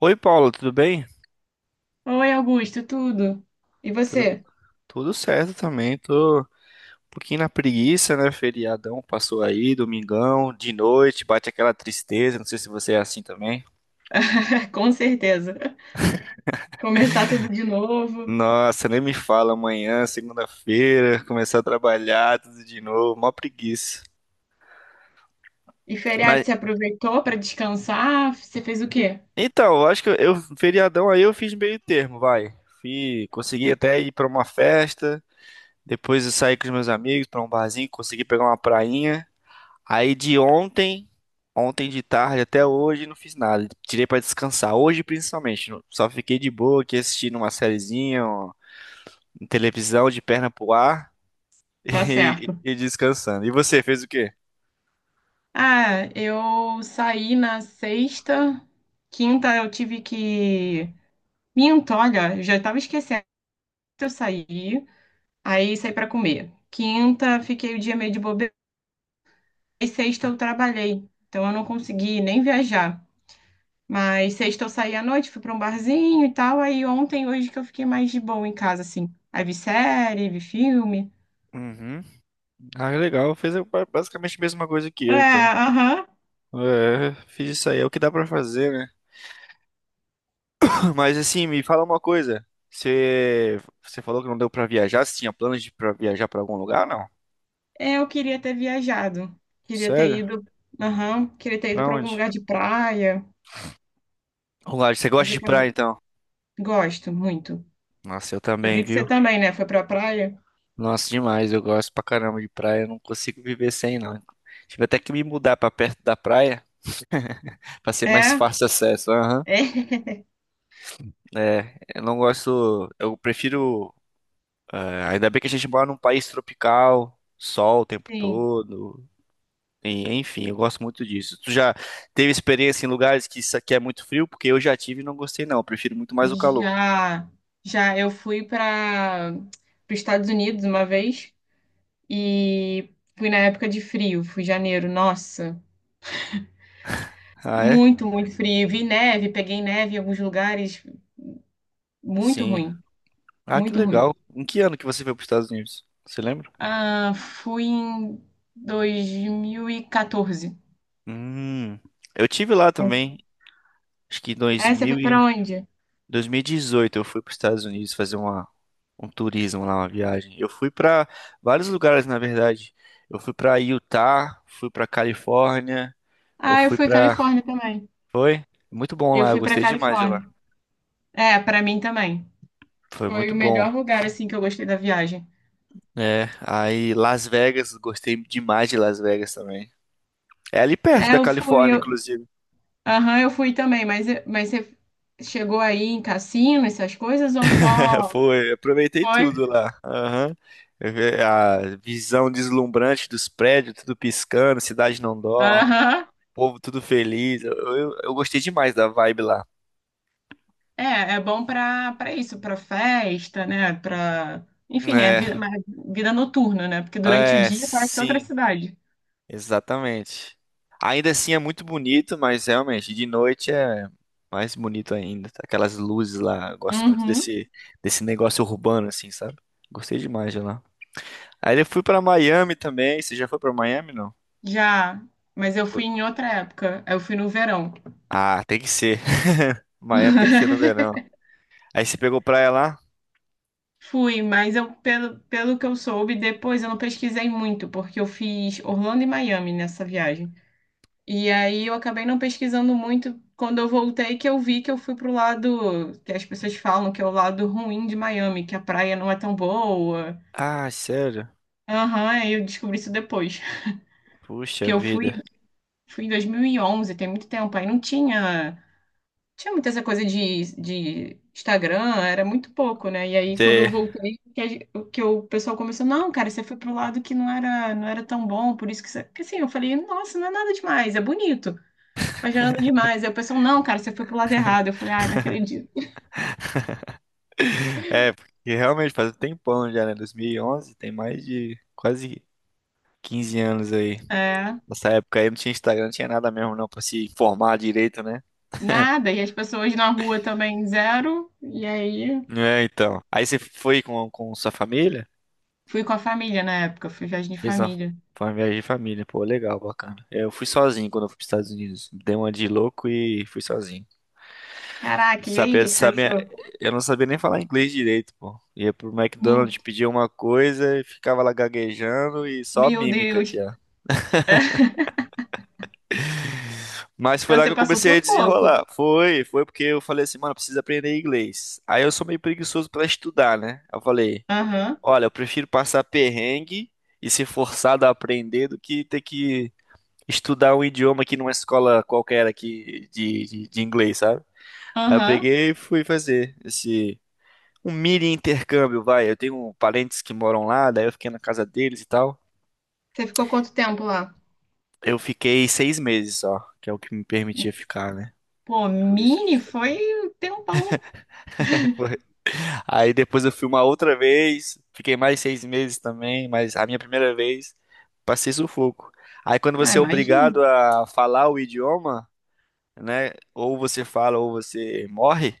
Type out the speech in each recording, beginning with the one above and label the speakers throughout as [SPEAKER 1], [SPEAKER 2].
[SPEAKER 1] Oi, Paulo, tudo bem?
[SPEAKER 2] Oi, Augusto, tudo? E
[SPEAKER 1] Tu-
[SPEAKER 2] você?
[SPEAKER 1] tudo certo também. Tô um pouquinho na preguiça, né? Feriadão passou aí, domingão, de noite, bate aquela tristeza. Não sei se você é assim também.
[SPEAKER 2] Com certeza. Começar tudo de novo.
[SPEAKER 1] Nossa, nem me fala, amanhã, segunda-feira, começar a trabalhar tudo de novo, mó preguiça.
[SPEAKER 2] E
[SPEAKER 1] Mas
[SPEAKER 2] feriado, você aproveitou para descansar? Você fez o quê?
[SPEAKER 1] então, eu acho que eu feriadão aí eu fiz meio termo, vai. Fui, consegui até ir pra uma festa, depois eu saí com os meus amigos pra um barzinho, consegui pegar uma prainha. Aí de ontem, ontem de tarde até hoje, não fiz nada. Tirei pra descansar. Hoje, principalmente, só fiquei de boa aqui assistindo uma sériezinha, ó, em televisão, de perna pro ar
[SPEAKER 2] Tá
[SPEAKER 1] e,
[SPEAKER 2] certo.
[SPEAKER 1] e descansando. E você, fez o quê?
[SPEAKER 2] Ah, eu saí na sexta. Quinta eu tive que. Minto, olha, eu já tava esquecendo. que Eu saí, aí saí para comer. Quinta, fiquei o dia meio de bobeira. E sexta eu trabalhei. Então eu não consegui nem viajar. Mas sexta eu saí à noite, fui pra um barzinho e tal. Aí ontem, hoje que eu fiquei mais de boa em casa, assim. Aí vi série, vi filme.
[SPEAKER 1] Uhum. Ah, legal. Fez basicamente a mesma coisa que
[SPEAKER 2] É,
[SPEAKER 1] eu, então.
[SPEAKER 2] aham.
[SPEAKER 1] É, fiz isso aí, é o que dá pra fazer, né? Mas assim, me fala uma coisa. Você falou que não deu pra viajar. Você tinha planos de pra viajar pra algum lugar, não?
[SPEAKER 2] É, eu queria ter viajado. Queria ter
[SPEAKER 1] Sério?
[SPEAKER 2] ido. Aham. Queria ter ido
[SPEAKER 1] Pra
[SPEAKER 2] pra algum
[SPEAKER 1] onde?
[SPEAKER 2] lugar de praia.
[SPEAKER 1] Lugar, você
[SPEAKER 2] Mas
[SPEAKER 1] gosta de praia,
[SPEAKER 2] acabou.
[SPEAKER 1] então?
[SPEAKER 2] Gosto muito.
[SPEAKER 1] Nossa, eu
[SPEAKER 2] Eu
[SPEAKER 1] também,
[SPEAKER 2] vi que
[SPEAKER 1] viu?
[SPEAKER 2] você também, né? Foi pra praia.
[SPEAKER 1] Nossa, demais. Eu gosto pra caramba de praia. Eu não consigo viver sem, não. Tive até que me mudar pra perto da praia pra ser mais
[SPEAKER 2] É?
[SPEAKER 1] fácil acesso. Aham.
[SPEAKER 2] É.
[SPEAKER 1] É, eu não gosto. Eu prefiro. Ainda bem que a gente mora num país tropical, sol o tempo
[SPEAKER 2] Sim.
[SPEAKER 1] todo. E enfim, eu gosto muito disso. Tu já teve experiência em lugares que isso aqui é muito frio? Porque eu já tive e não gostei, não. Eu prefiro muito mais o calor.
[SPEAKER 2] Já, já eu fui para os Estados Unidos uma vez e fui na época de frio, fui em janeiro. Nossa,
[SPEAKER 1] Ah, é?
[SPEAKER 2] muito, muito frio. Vi neve, peguei neve em alguns lugares. Muito
[SPEAKER 1] Sim.
[SPEAKER 2] ruim,
[SPEAKER 1] Ah, que
[SPEAKER 2] muito ruim.
[SPEAKER 1] legal. Em que ano que você foi para os Estados Unidos? Você lembra?
[SPEAKER 2] Ah, fui em 2014.
[SPEAKER 1] Hum, eu tive lá também, acho que em dois
[SPEAKER 2] É, você
[SPEAKER 1] mil
[SPEAKER 2] foi
[SPEAKER 1] e
[SPEAKER 2] pra onde?
[SPEAKER 1] dois mil e dezoito, eu fui para os Estados Unidos fazer um turismo lá, uma viagem. Eu fui para vários lugares, na verdade. Eu fui para Utah, fui para Califórnia, eu
[SPEAKER 2] Ah, eu
[SPEAKER 1] fui
[SPEAKER 2] fui
[SPEAKER 1] para...
[SPEAKER 2] Califórnia também.
[SPEAKER 1] Foi? Muito bom
[SPEAKER 2] Eu
[SPEAKER 1] lá, eu
[SPEAKER 2] fui pra
[SPEAKER 1] gostei demais de lá.
[SPEAKER 2] Califórnia. É, pra mim também.
[SPEAKER 1] Foi
[SPEAKER 2] Foi
[SPEAKER 1] muito
[SPEAKER 2] o
[SPEAKER 1] bom.
[SPEAKER 2] melhor lugar assim que eu gostei da viagem.
[SPEAKER 1] É, aí Las Vegas, gostei demais de Las Vegas também. É ali perto
[SPEAKER 2] É,
[SPEAKER 1] da
[SPEAKER 2] eu fui,
[SPEAKER 1] Califórnia,
[SPEAKER 2] eu,
[SPEAKER 1] inclusive.
[SPEAKER 2] aham, eu fui também, mas eu- mas você chegou aí em cassino, essas coisas ou só
[SPEAKER 1] Foi, aproveitei
[SPEAKER 2] foi?
[SPEAKER 1] tudo lá. Aham. Eu vi a visão deslumbrante dos prédios, tudo piscando, cidade não dorme,
[SPEAKER 2] Aham.
[SPEAKER 1] povo tudo feliz. Eu gostei demais da vibe lá.
[SPEAKER 2] É, é bom para isso, para festa, né? Para, enfim, é vida, mais vida noturna, né? Porque durante o
[SPEAKER 1] É, é,
[SPEAKER 2] dia parece outra
[SPEAKER 1] sim,
[SPEAKER 2] cidade.
[SPEAKER 1] exatamente. Ainda assim é muito bonito, mas realmente de noite é mais bonito ainda. Aquelas luzes lá, eu gosto muito
[SPEAKER 2] Uhum,
[SPEAKER 1] desse negócio urbano, assim, sabe? Gostei demais de lá. Aí eu fui pra Miami também. Você já foi pra Miami, não?
[SPEAKER 2] já, mas eu
[SPEAKER 1] Go-
[SPEAKER 2] fui em outra época. Eu fui no verão.
[SPEAKER 1] Ah, tem que ser. Miami tem que ser no verão. Aí você pegou praia lá?
[SPEAKER 2] Fui, mas eu pelo que eu soube, depois eu não pesquisei muito, porque eu fiz Orlando e Miami nessa viagem. E aí eu acabei não pesquisando muito quando eu voltei, que eu vi que eu fui pro lado que as pessoas falam que é o lado ruim de Miami, que a praia não é tão boa.
[SPEAKER 1] Ah, sério?
[SPEAKER 2] Aham, aí eu descobri isso depois.
[SPEAKER 1] Puxa
[SPEAKER 2] Porque
[SPEAKER 1] vida.
[SPEAKER 2] fui em 2011, tem muito tempo. Aí não tinha, Tinha muita essa coisa de Instagram, era muito pouco, né? E aí quando eu
[SPEAKER 1] Você-
[SPEAKER 2] voltei, que, a gen- que o pessoal começou, não, cara, você foi pro lado que não era tão bom, por isso que você... Porque assim, eu falei, nossa, não é nada demais, é bonito, mas não é nada demais. Aí o pessoal, não, cara, você foi pro lado errado. Eu falei, ai, não acredito.
[SPEAKER 1] É, porque realmente faz um tempão já, né? 2011, tem mais de quase 15 anos aí.
[SPEAKER 2] É,
[SPEAKER 1] Nessa época aí não tinha Instagram, não tinha nada mesmo não pra se informar direito, né?
[SPEAKER 2] nada. E as pessoas na rua também, zero. E aí
[SPEAKER 1] É, então. Aí você foi com sua família?
[SPEAKER 2] fui com a família na época, fui viagem de
[SPEAKER 1] Fez uma,
[SPEAKER 2] família.
[SPEAKER 1] foi uma viagem de família. Pô, legal, bacana. Eu fui sozinho quando eu fui pros Estados Unidos. Dei uma de louco e fui sozinho.
[SPEAKER 2] Caraca, e aí, o
[SPEAKER 1] Sabia,
[SPEAKER 2] que que você
[SPEAKER 1] sabia,
[SPEAKER 2] achou?
[SPEAKER 1] eu não sabia nem falar inglês direito, pô. Ia pro
[SPEAKER 2] Min-
[SPEAKER 1] McDonald's, pedia uma coisa e ficava lá gaguejando e só
[SPEAKER 2] Meu
[SPEAKER 1] mímica aqui,
[SPEAKER 2] Deus.
[SPEAKER 1] ó. Mas foi
[SPEAKER 2] Então
[SPEAKER 1] lá que
[SPEAKER 2] você
[SPEAKER 1] eu
[SPEAKER 2] passou
[SPEAKER 1] comecei a
[SPEAKER 2] sufoco.
[SPEAKER 1] desenrolar. Foi, foi porque eu falei assim, mano, preciso aprender inglês. Aí eu sou meio preguiçoso pra estudar, né? Eu falei,
[SPEAKER 2] Aham,
[SPEAKER 1] olha, eu prefiro passar perrengue e ser forçado a aprender do que ter que estudar um idioma aqui numa escola qualquer aqui de inglês, sabe? Aí eu
[SPEAKER 2] aham.
[SPEAKER 1] peguei e fui fazer esse. Um mini intercâmbio, vai. Eu tenho parentes que moram lá, daí eu fiquei na casa deles e tal.
[SPEAKER 2] Você ficou quanto tempo lá?
[SPEAKER 1] Eu fiquei 6 meses só, que é o que me permitia ficar, né?
[SPEAKER 2] Pô,
[SPEAKER 1] O visto de
[SPEAKER 2] mini
[SPEAKER 1] estudante.
[SPEAKER 2] foi um tempão.
[SPEAKER 1] Foi. Aí depois eu fui uma outra vez, fiquei mais 6 meses também, mas a minha primeira vez passei sufoco. Aí quando
[SPEAKER 2] Ah,
[SPEAKER 1] você é obrigado
[SPEAKER 2] imagino.
[SPEAKER 1] a falar o idioma, né? Ou você fala ou você morre,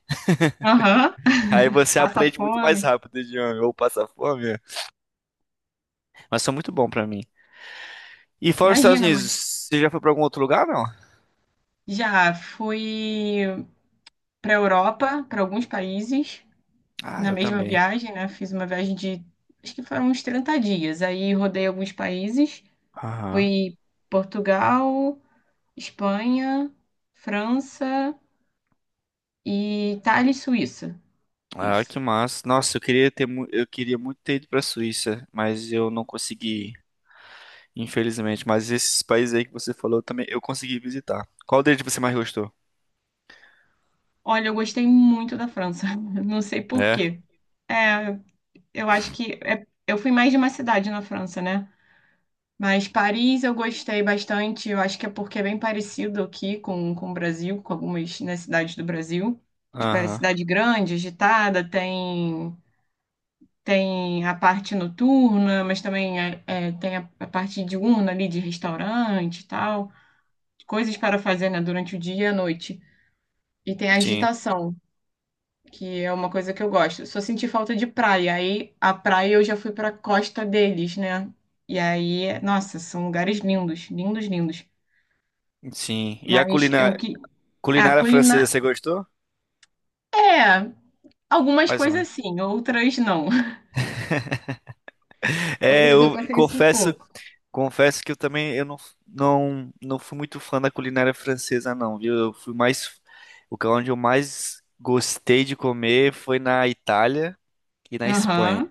[SPEAKER 2] Aham.
[SPEAKER 1] aí você
[SPEAKER 2] Passa
[SPEAKER 1] aprende muito mais
[SPEAKER 2] fome.
[SPEAKER 1] rápido o idioma, ou passa fome. Mas foi muito bom pra mim. E fora os Estados
[SPEAKER 2] Imagina,
[SPEAKER 1] Unidos,
[SPEAKER 2] mãe.
[SPEAKER 1] você já foi pra algum outro lugar, não?
[SPEAKER 2] Já fui pra Europa, pra alguns países,
[SPEAKER 1] Ah,
[SPEAKER 2] na
[SPEAKER 1] eu
[SPEAKER 2] mesma
[SPEAKER 1] também.
[SPEAKER 2] viagem, né? Fiz uma viagem de, Acho que foram uns 30 dias. Aí rodei alguns países.
[SPEAKER 1] Aham.
[SPEAKER 2] Fui Portugal, Espanha, França. E Itália e Suíça.
[SPEAKER 1] Ah, que
[SPEAKER 2] Isso.
[SPEAKER 1] massa. Nossa, eu queria eu queria muito ter ido pra Suíça, mas eu não consegui, ir, infelizmente. Mas esses países aí que você falou também, eu consegui visitar. Qual deles você mais gostou?
[SPEAKER 2] Olha, eu gostei muito da França. Não sei por
[SPEAKER 1] É?
[SPEAKER 2] quê. É, Eu acho que é- eu fui mais de uma cidade na França, né? Mas Paris eu gostei bastante. Eu acho que é porque é bem parecido aqui com o Brasil, com algumas, né, cidades do Brasil. Tipo, é
[SPEAKER 1] Aham.
[SPEAKER 2] cidade grande, tem a parte noturna, mas também é, tem a parte diurna ali de restaurante e tal. Coisas para fazer, né, durante o dia e a noite. E tem a
[SPEAKER 1] Sim.
[SPEAKER 2] agitação, que é uma coisa que eu gosto. Só senti falta de praia. Aí a praia eu já fui pra costa deles, né? E aí, nossa, são lugares lindos, lindos, lindos.
[SPEAKER 1] Sim. E a
[SPEAKER 2] Mas eu
[SPEAKER 1] culinária,
[SPEAKER 2] que. Ah,
[SPEAKER 1] culinária francesa,
[SPEAKER 2] culinária.
[SPEAKER 1] você gostou?
[SPEAKER 2] É, algumas
[SPEAKER 1] Mais ou
[SPEAKER 2] coisas
[SPEAKER 1] menos.
[SPEAKER 2] sim, outras não.
[SPEAKER 1] É,
[SPEAKER 2] Outras eu
[SPEAKER 1] eu
[SPEAKER 2] passei
[SPEAKER 1] confesso,
[SPEAKER 2] sufoco.
[SPEAKER 1] confesso que eu também eu não, não, não fui muito fã da culinária francesa, não, viu? Eu fui mais, o que é onde eu mais gostei de comer foi na Itália. Aqui na Espanha.
[SPEAKER 2] Aham.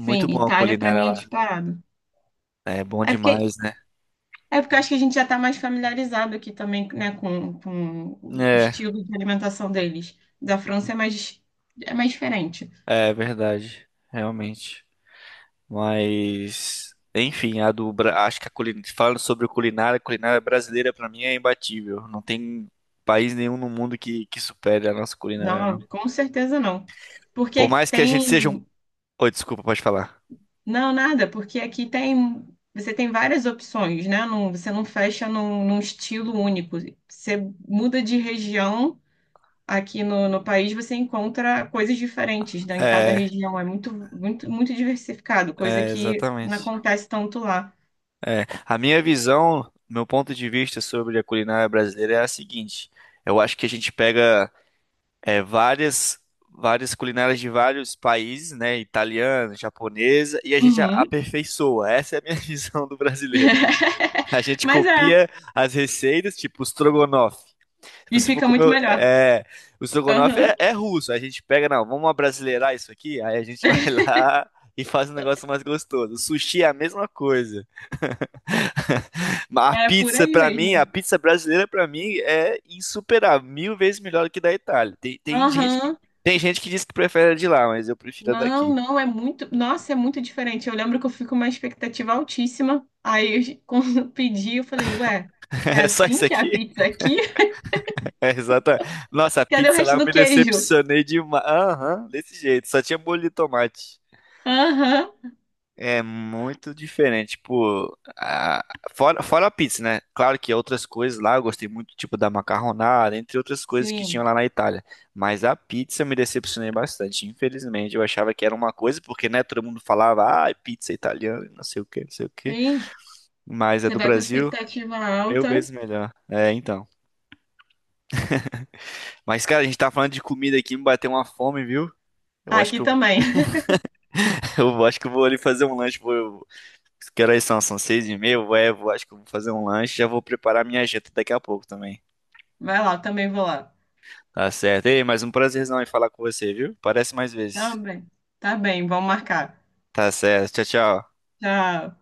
[SPEAKER 2] Sim,
[SPEAKER 1] bom a
[SPEAKER 2] Itália pra
[SPEAKER 1] culinária
[SPEAKER 2] mim é
[SPEAKER 1] lá.
[SPEAKER 2] disparado.
[SPEAKER 1] É bom
[SPEAKER 2] É porque.
[SPEAKER 1] demais, né?
[SPEAKER 2] É porque eu acho que a gente já tá mais familiarizado aqui também, né, com o
[SPEAKER 1] É,
[SPEAKER 2] estilo de alimentação deles. Da França é mais, É mais diferente.
[SPEAKER 1] é verdade, realmente. Mas, enfim, a acho que a culinária, falando sobre culinária, a culinária brasileira pra mim é imbatível. Não tem país nenhum no mundo que supere a nossa culinária,
[SPEAKER 2] Não,
[SPEAKER 1] não.
[SPEAKER 2] com certeza não.
[SPEAKER 1] Por
[SPEAKER 2] Porque
[SPEAKER 1] mais que a gente seja um...
[SPEAKER 2] tem.
[SPEAKER 1] Oi, desculpa, pode falar.
[SPEAKER 2] Não, nada, porque aqui tem. Você tem várias opções, né? Não, você não fecha num estilo único. Você muda de região aqui no país, você encontra coisas diferentes, né? Em cada
[SPEAKER 1] É,
[SPEAKER 2] região. É muito, muito, muito diversificado, coisa
[SPEAKER 1] é,
[SPEAKER 2] que não
[SPEAKER 1] exatamente.
[SPEAKER 2] acontece tanto lá.
[SPEAKER 1] É, a minha visão, meu ponto de vista sobre a culinária brasileira é a seguinte. Eu acho que a gente pega é, várias várias culinárias de vários países, né? Italiana, japonesa, e a gente
[SPEAKER 2] Uhum.
[SPEAKER 1] aperfeiçoa. Essa é a minha visão do brasileiro. A gente
[SPEAKER 2] Mas é,
[SPEAKER 1] copia as receitas, tipo o estrogonofe. Se
[SPEAKER 2] e
[SPEAKER 1] você for
[SPEAKER 2] fica
[SPEAKER 1] comer,
[SPEAKER 2] muito melhor.
[SPEAKER 1] o estrogonofe
[SPEAKER 2] Aham.
[SPEAKER 1] é, é russo. A gente pega, não, vamos abrasileirar isso aqui, aí a gente vai lá e faz um negócio mais gostoso. O sushi é a mesma coisa. A
[SPEAKER 2] É por
[SPEAKER 1] pizza,
[SPEAKER 2] aí
[SPEAKER 1] pra mim, a
[SPEAKER 2] mesmo.
[SPEAKER 1] pizza brasileira, pra mim, é insuperável, mil vezes melhor que da Itália. Tem gente
[SPEAKER 2] Aham.
[SPEAKER 1] tem gente que diz que prefere a de lá, mas eu prefiro a
[SPEAKER 2] Não,
[SPEAKER 1] daqui.
[SPEAKER 2] não, é muito. Nossa, é muito diferente. Eu lembro que eu fui com uma expectativa altíssima. Quando eu pedi, eu falei, ué, é
[SPEAKER 1] É só
[SPEAKER 2] assim
[SPEAKER 1] isso
[SPEAKER 2] que é a
[SPEAKER 1] aqui?
[SPEAKER 2] pizza aqui?
[SPEAKER 1] É exatamente. Nossa, a
[SPEAKER 2] Cadê o
[SPEAKER 1] pizza lá
[SPEAKER 2] resto
[SPEAKER 1] eu
[SPEAKER 2] do
[SPEAKER 1] me
[SPEAKER 2] queijo?
[SPEAKER 1] decepcionei demais. Aham, desse jeito, só tinha molho de tomate.
[SPEAKER 2] Aham.
[SPEAKER 1] É muito diferente, tipo, fora a pizza, né? Claro que outras coisas lá, eu gostei muito, tipo, da macarronada, entre outras coisas que tinham
[SPEAKER 2] Sim,
[SPEAKER 1] lá na Itália. Mas a pizza eu me decepcionei bastante, infelizmente. Eu achava que era uma coisa, porque, né, todo mundo falava, ah, pizza italiana, não sei o que, não sei o que.
[SPEAKER 2] sim.
[SPEAKER 1] Mas é
[SPEAKER 2] Você
[SPEAKER 1] do
[SPEAKER 2] vai com a
[SPEAKER 1] Brasil,
[SPEAKER 2] expectativa
[SPEAKER 1] mil
[SPEAKER 2] alta.
[SPEAKER 1] vezes melhor. É, então. Mas, cara, a gente tá falando de comida aqui, me bateu uma fome, viu? Eu acho que
[SPEAKER 2] Aqui
[SPEAKER 1] eu,
[SPEAKER 2] também.
[SPEAKER 1] eu acho que eu vou ali fazer um lanche, Que horas são? São 6h30? É, vou, acho que eu vou fazer um lanche e já vou preparar minha janta daqui a pouco também.
[SPEAKER 2] Vai lá, eu também vou lá.
[SPEAKER 1] Tá certo. Ei, mas um prazerzão em falar com você, viu? Parece mais vezes.
[SPEAKER 2] Também. Tá bem, vamos marcar.
[SPEAKER 1] Tá certo. Tchau, tchau.
[SPEAKER 2] Tchau.